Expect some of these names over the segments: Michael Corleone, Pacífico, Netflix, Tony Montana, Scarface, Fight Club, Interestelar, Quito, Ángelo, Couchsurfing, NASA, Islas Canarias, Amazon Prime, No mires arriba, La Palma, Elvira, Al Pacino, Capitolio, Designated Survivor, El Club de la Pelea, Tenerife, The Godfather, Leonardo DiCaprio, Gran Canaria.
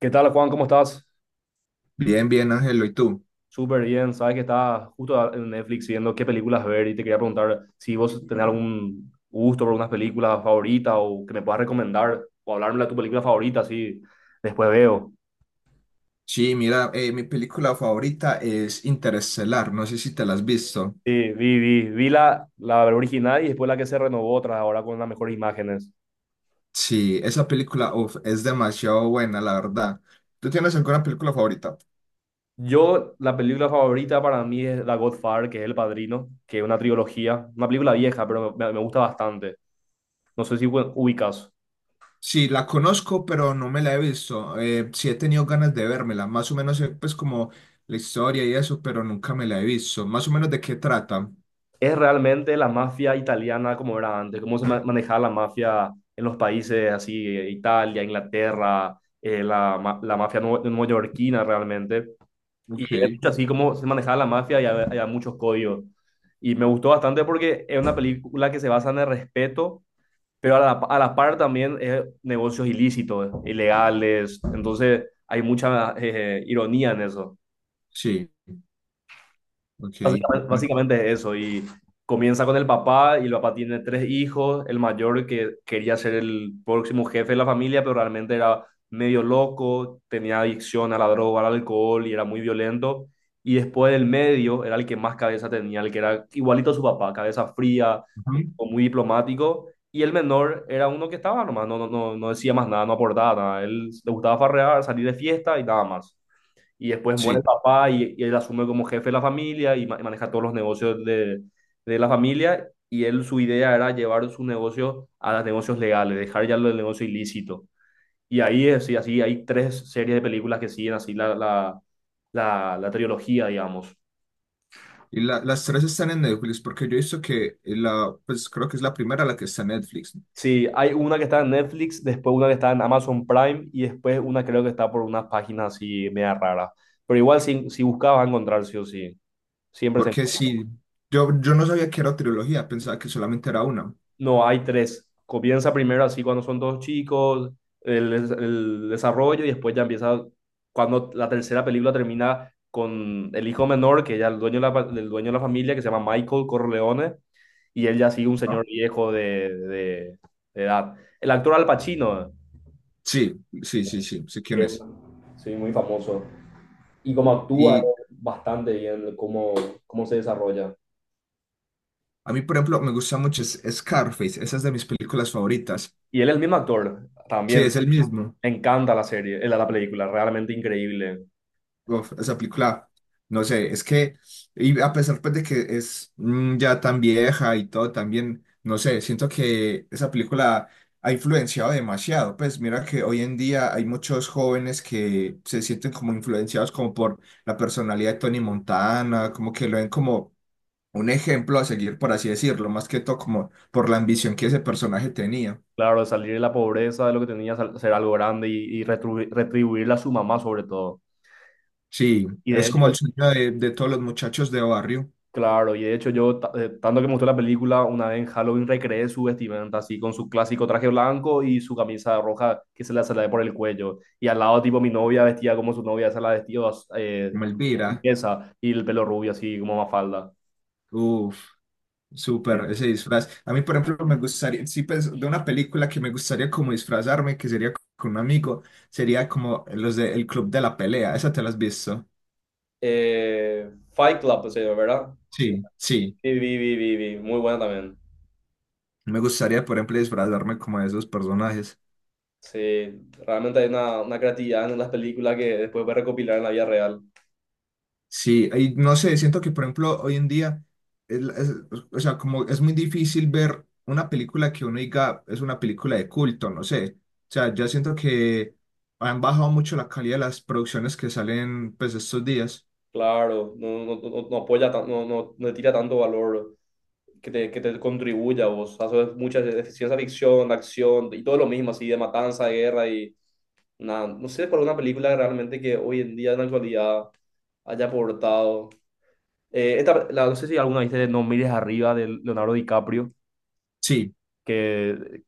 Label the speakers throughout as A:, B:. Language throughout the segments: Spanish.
A: ¿Qué tal, Juan? ¿Cómo estás?
B: Bien, bien, Ángelo, ¿y tú?
A: Súper bien. Sabes que estaba justo en Netflix viendo qué películas ver y te quería preguntar si vos tenés algún gusto por unas películas favoritas o que me puedas recomendar o hablarme de tu película favorita, así después veo.
B: Sí, mira, mi película favorita es Interestelar, no sé si te la has visto.
A: Sí, vi la original y después la que se renovó otra ahora con las mejores imágenes.
B: Sí, esa película uf, es demasiado buena, la verdad. ¿Tú tienes alguna película favorita?
A: Yo, la película favorita para mí es The Godfather, que es El Padrino, que es una trilogía, una película vieja, pero me gusta bastante. No sé si ubicas.
B: Sí, la conozco, pero no me la he visto. Sí he tenido ganas de vérmela, más o menos pues como la historia y eso, pero nunca me la he visto. Más o menos de qué trata.
A: Es realmente la mafia italiana como era antes, cómo se manejaba la mafia en los países así, Italia, Inglaterra, la mafia neoyorquina realmente. Y
B: Ok,
A: es mucho así como se manejaba la mafia, y había muchos códigos. Y me gustó bastante porque es una película que se basa en el respeto, pero a la par también es negocios ilícitos, ilegales. Entonces hay mucha ironía en eso.
B: sí, ok.
A: Básicamente,
B: Me-
A: básicamente eso, y comienza con el papá, y el papá tiene tres hijos. El mayor, que quería ser el próximo jefe de la familia, pero realmente era medio loco, tenía adicción a la droga, al alcohol, y era muy violento. Y después el medio era el que más cabeza tenía, el que era igualito a su papá, cabeza fría, un
B: Ujú.
A: tipo muy diplomático. Y el menor era uno que estaba nomás, no decía más nada, no aportaba nada, él le gustaba farrear, salir de fiesta y nada más. Y después muere el
B: Sí.
A: papá, y él asume como jefe de la familia, y maneja todos los negocios de, la familia. Y él, su idea era llevar su negocio a los negocios legales, dejar ya lo del negocio ilícito. Y ahí es, y así hay tres series de películas que siguen así la trilogía, digamos.
B: Y las tres están en Netflix, porque yo he visto que la, pues creo que es la primera la que está en Netflix, ¿no?
A: Sí, hay una que está en Netflix, después una que está en Amazon Prime y después una creo que está por unas páginas así media raras. Pero igual, si buscabas, a encontrar sí o sí. Siempre se
B: Porque
A: encuentra.
B: sí, yo no sabía que era trilogía, pensaba que solamente era una.
A: No, hay tres. Comienza primero así cuando son dos chicos, el desarrollo, y después ya empieza cuando la tercera película termina con el hijo menor, que ya el dueño de el dueño de la familia, que se llama Michael Corleone, y él ya sigue un
B: ¿No?
A: señor viejo de, de edad. El actor Al Pacino,
B: Sí, sí, sí, sí, sé quién
A: que es,
B: es.
A: sí, muy famoso, y como actúa
B: Y
A: bastante bien, cómo se desarrolla.
B: a mí, por ejemplo, me gusta mucho Scarface, esa es de mis películas favoritas.
A: Y él es el mismo actor
B: Sí,
A: también.
B: es el mismo.
A: Me encanta la serie, la película, realmente increíble.
B: Uf, esa película, no sé, es que, y a pesar pues, de que es ya tan vieja y todo, también, no sé, siento que esa película ha influenciado demasiado. Pues mira que hoy en día hay muchos jóvenes que se sienten como influenciados como por la personalidad de Tony Montana, como que lo ven como un ejemplo a seguir, por así decirlo, más que todo como por la ambición que ese personaje tenía.
A: Claro, de salir de la pobreza, de lo que tenía, ser algo grande, y retribuirle a su mamá sobre todo.
B: Sí,
A: Y de
B: es como el
A: hecho,
B: sueño de todos los muchachos de barrio,
A: claro, y de hecho yo, tanto que me gustó la película, una vez en Halloween recreé su vestimenta así, con su clásico traje blanco y su camisa roja que se le sale por el cuello. Y al lado, tipo, mi novia vestía como su novia, se la vestía, eh,
B: como Elvira.
A: y el pelo rubio así como Mafalda.
B: Uf.
A: Sí.
B: Súper, ese disfraz. A mí, por ejemplo, me gustaría, sí, pues, de una película que me gustaría como disfrazarme, que sería con un amigo, sería como los de El Club de la Pelea. ¿Esa te la has visto?
A: Fight Club, ¿se, verdad? Sí.
B: Sí, sí.
A: Sí, vi. Muy buena también.
B: Me gustaría, por ejemplo, disfrazarme como de esos personajes.
A: Sí, realmente hay una creatividad en las películas que después puedes recopilar en la vida real.
B: Sí, y no sé, siento que, por ejemplo, hoy en día, es la- es- o sea, como es muy difícil ver una película que uno diga es una película de culto, no sé. O sea, yo siento que han bajado mucho la calidad de las producciones que salen, pues, estos días.
A: Claro, no apoya, no le tira tanto valor, que te contribuya a vos. Haces mucha de ciencia ficción, acción y todo lo mismo, así de matanza, de guerra, y nada. No sé por una película realmente que hoy en día, en la actualidad, haya aportado. No sé si alguna viste de No Mires Arriba, de Leonardo DiCaprio,
B: Sí.
A: que él,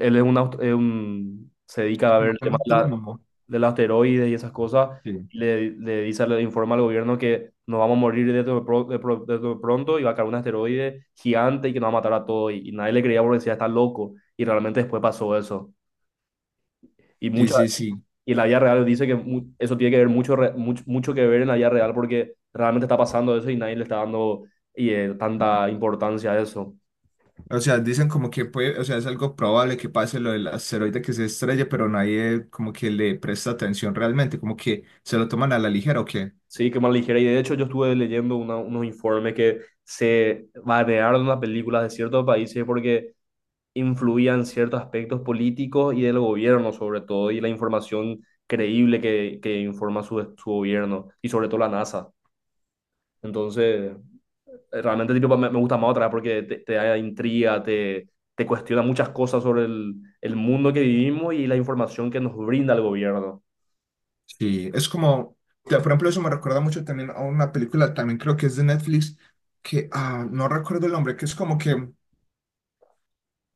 A: él es un, aust- es un- se dedica a ver
B: Como
A: el
B: un
A: tema de la,
B: astrónomo.
A: del asteroides y esas cosas,
B: Sí,
A: y le dice, le informa al gobierno que nos vamos a morir de, esto de, pro- de pro- de esto de pronto, y va a caer un asteroide gigante y que nos va a matar a todos, y nadie le creía porque decía, está loco, y realmente después pasó eso. Y,
B: sí,
A: mucha,
B: sí, sí.
A: y la vida real dice que eso tiene que ver mucho, que ver en la vida real, porque realmente está pasando eso y nadie le está dando, tanta importancia a eso.
B: O sea, dicen como que puede, o sea, es algo probable que pase lo del asteroide que se estrelle, pero nadie como que le presta atención realmente, como que se lo toman a la ligera o qué.
A: Sí, qué mal ligera. Y de hecho, yo estuve leyendo unos informes que se banearon las películas de ciertos países porque influían ciertos aspectos políticos y del gobierno sobre todo, y la información creíble que informa su gobierno, y sobre todo la NASA. Entonces, realmente, tipo, me gusta más otra porque te da intriga, te cuestiona muchas cosas sobre el mundo que vivimos y la información que nos brinda el gobierno.
B: Sí, es como, por ejemplo, eso me recuerda mucho también a una película, también creo que es de Netflix, que ah, no recuerdo el nombre, que es como que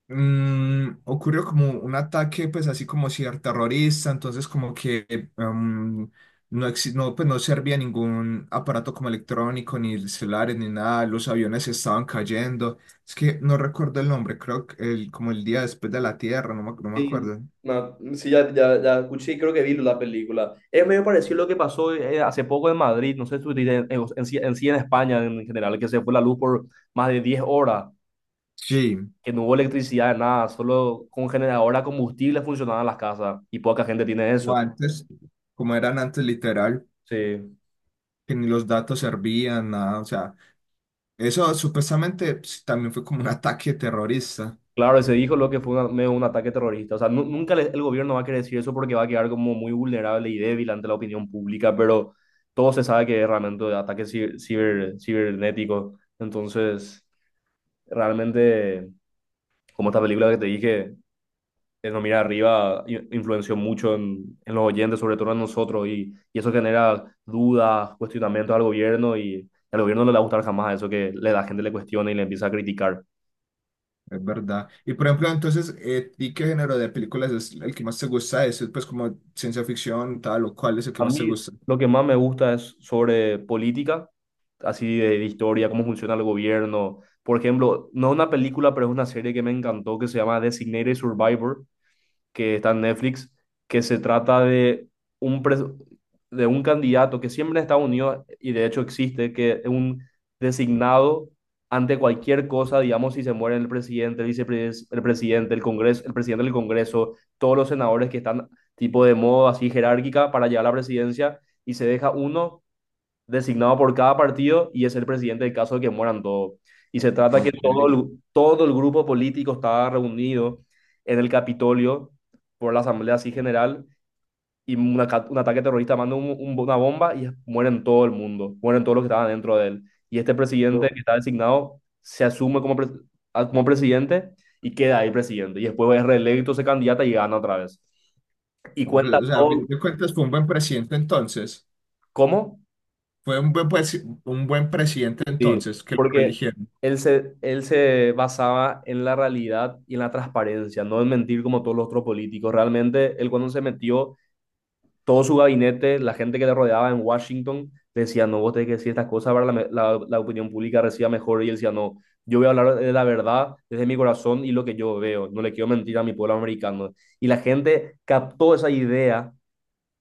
B: ocurrió como un ataque, pues así como ciberterrorista, entonces como que em, no, pues no servía ningún aparato como electrónico, ni celulares, ni nada, los aviones estaban cayendo. Es que no recuerdo el nombre, creo que el, como el día después de la Tierra, no me
A: Sí,
B: acuerdo.
A: no, sí, ya escuché, y creo que vi la película. Es medio parecido a lo que pasó hace poco en Madrid, no sé si en España en general, que se fue la luz por más de 10 horas,
B: Sí,
A: que no hubo electricidad, nada, solo con generador a combustible funcionaban las casas y poca gente tiene
B: o
A: eso.
B: antes, como eran antes literal,
A: Sí,
B: que ni los datos servían, nada, o sea, eso supuestamente pues, también fue como un ataque terrorista.
A: claro, se dijo lo que fue medio un ataque terrorista. O sea, nunca el gobierno va a querer decir eso, porque va a quedar como muy vulnerable y débil ante la opinión pública, pero todo se sabe que es realmente ataque ciber, cibernético. Entonces, realmente, como esta película que te dije, El No Mira Arriba, influenció mucho en, los oyentes, sobre todo en nosotros, y eso genera dudas, cuestionamientos al gobierno, y al gobierno no le va a gustar jamás eso, que la gente le cuestione y le empieza a criticar.
B: Es verdad. Y por ejemplo, entonces, ¿y qué género de películas es el que más te gusta? ¿Es pues como ciencia ficción, tal o cual es el que
A: A
B: más te
A: mí
B: gusta?
A: lo que más me gusta es sobre política, así de historia, cómo funciona el gobierno. Por ejemplo, no una película, pero es una serie que me encantó, que se llama Designated Survivor, que está en Netflix, que se trata de un, pres- un candidato que siempre en Estados Unidos, y de hecho existe, que es un designado ante cualquier cosa. Digamos, si se muere el presidente, el vicepresidente, el presidente, el Congreso, el presidente del Congreso, todos los senadores que están tipo de modo así jerárquica para llegar a la presidencia, y se deja uno designado por cada partido, y es el presidente en caso de que mueran todos. Y se trata que
B: Ok.
A: todo el grupo político estaba reunido en el Capitolio por la Asamblea así general, y un ataque terrorista manda una bomba, y mueren todo el mundo, mueren todos los que estaban dentro de él. Y este presidente
B: O
A: que está designado se asume como, como presidente, y queda ahí presidente. Y después es reelecto, se candidata y gana otra vez. Y cuenta
B: o sea, a fin
A: todo.
B: de cuentas fue un buen presidente entonces.
A: ¿Cómo?
B: Fue un buen, un buen presidente
A: Sí,
B: entonces que lo
A: porque
B: religieron.
A: él se basaba en la realidad y en la transparencia, no en mentir como todos los otros políticos. Realmente, él, cuando se metió, todo su gabinete, la gente que le rodeaba en Washington, decía, no, vos tenés que decir estas cosas para que la opinión pública reciba mejor. Y él decía, no, yo voy a hablar de la verdad desde mi corazón y lo que yo veo. No le quiero mentir a mi pueblo americano. Y la gente captó esa idea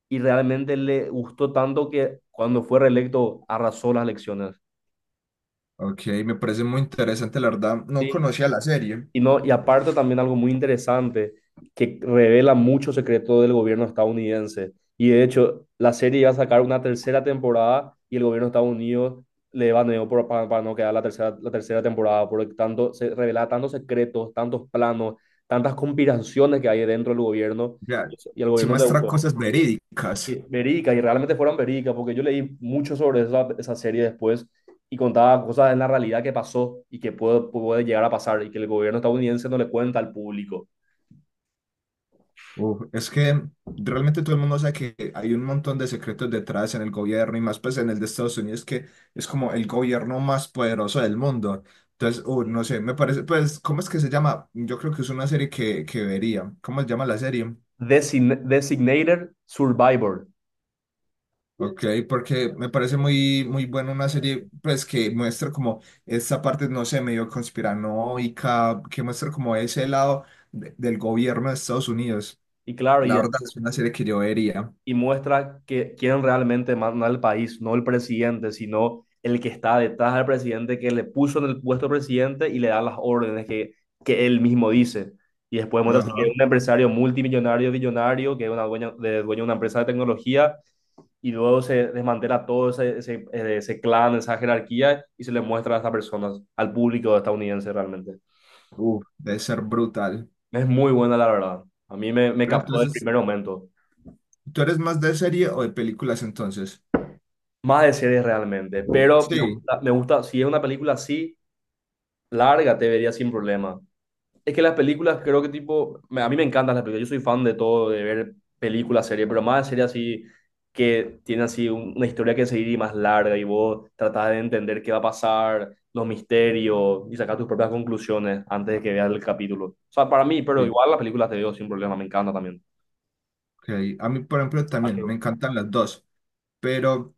A: y realmente le gustó tanto que cuando fue reelecto arrasó las elecciones.
B: Ok, me parece muy interesante, la verdad. No conocía la serie.
A: Y no, y aparte, también algo muy interesante, que revela mucho secreto del gobierno estadounidense. Y de hecho, la serie iba a sacar una tercera temporada y el gobierno de Estados Unidos le baneó para no quedar la tercera temporada, porque tanto, se revelaba tantos secretos, tantos planos, tantas conspiraciones que hay dentro del gobierno,
B: Ya,
A: y al
B: sí
A: gobierno le
B: muestra
A: gustó.
B: cosas
A: Y
B: verídicas.
A: Verica, y realmente fueron Verica, porque yo leí mucho sobre esa, esa serie después, y contaba cosas en la realidad que pasó y que puede llegar a pasar, y que el gobierno estadounidense no le cuenta al público.
B: Uf, es que realmente todo el mundo sabe que hay un montón de secretos detrás en el gobierno y más pues en el de Estados Unidos que es como el gobierno más poderoso del mundo. Entonces, no sé, me parece, pues, ¿cómo es que se llama? Yo creo que es una serie que vería. ¿Cómo se llama la serie?
A: Designated Survivor.
B: Ok, porque me parece muy, muy buena una serie, pues, que muestra como esta parte, no sé, medio conspiranoica, que muestra como ese lado del gobierno de Estados Unidos.
A: Y claro,
B: La verdad es una serie que yo vería.
A: y muestra que quién realmente manda al país, no el presidente, sino el que está detrás del presidente, que le puso en el puesto presidente y le da las órdenes que él mismo dice. Y después muestra así que es
B: Ajá.
A: un empresario multimillonario, billonario, que es dueño de una empresa de tecnología, y luego se desmantela todo ese, ese clan, esa jerarquía, y se le muestra a estas personas, al público estadounidense realmente.
B: Uf, debe ser brutal.
A: Es muy buena, la verdad. A mí me
B: Pero
A: captó desde el
B: entonces,
A: primer momento.
B: ¿tú eres más de serie o de películas entonces?
A: Más de series realmente, pero me
B: Sí,
A: gusta, si es una película así, larga, te vería sin problema. Es que las películas, creo que, tipo, a mí me encantan las películas, yo soy fan de todo, de ver películas, series, pero más de series así, que tiene así una historia que seguir y más larga y vos tratás de entender qué va a pasar, los misterios, y sacar tus propias conclusiones antes de que veas el capítulo. O sea, para mí, pero
B: sí.
A: igual las películas te veo sin problema, me encanta también.
B: Ok. A mí, por ejemplo,
A: Ah, qué-
B: también me encantan las dos, pero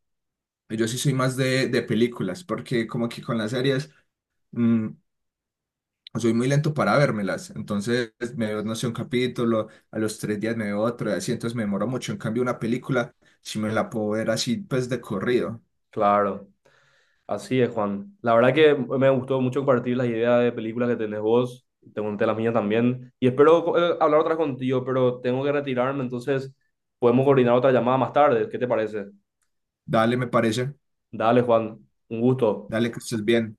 B: yo sí soy más de películas, porque como que con las series mm, soy muy lento para vérmelas. Entonces me veo, no sé, un capítulo, a los tres días me veo otro, y así, entonces me demoro mucho. En cambio, una película, si me la puedo ver así, pues de corrido.
A: Claro. Así es, Juan. La verdad que me gustó mucho compartir las ideas de películas que tenés vos. Te conté las mías también. Y espero hablar otra contigo, pero tengo que retirarme, entonces podemos coordinar otra llamada más tarde. ¿Qué te parece?
B: Dale, me parece.
A: Dale, Juan. Un gusto.
B: Dale, que estés bien.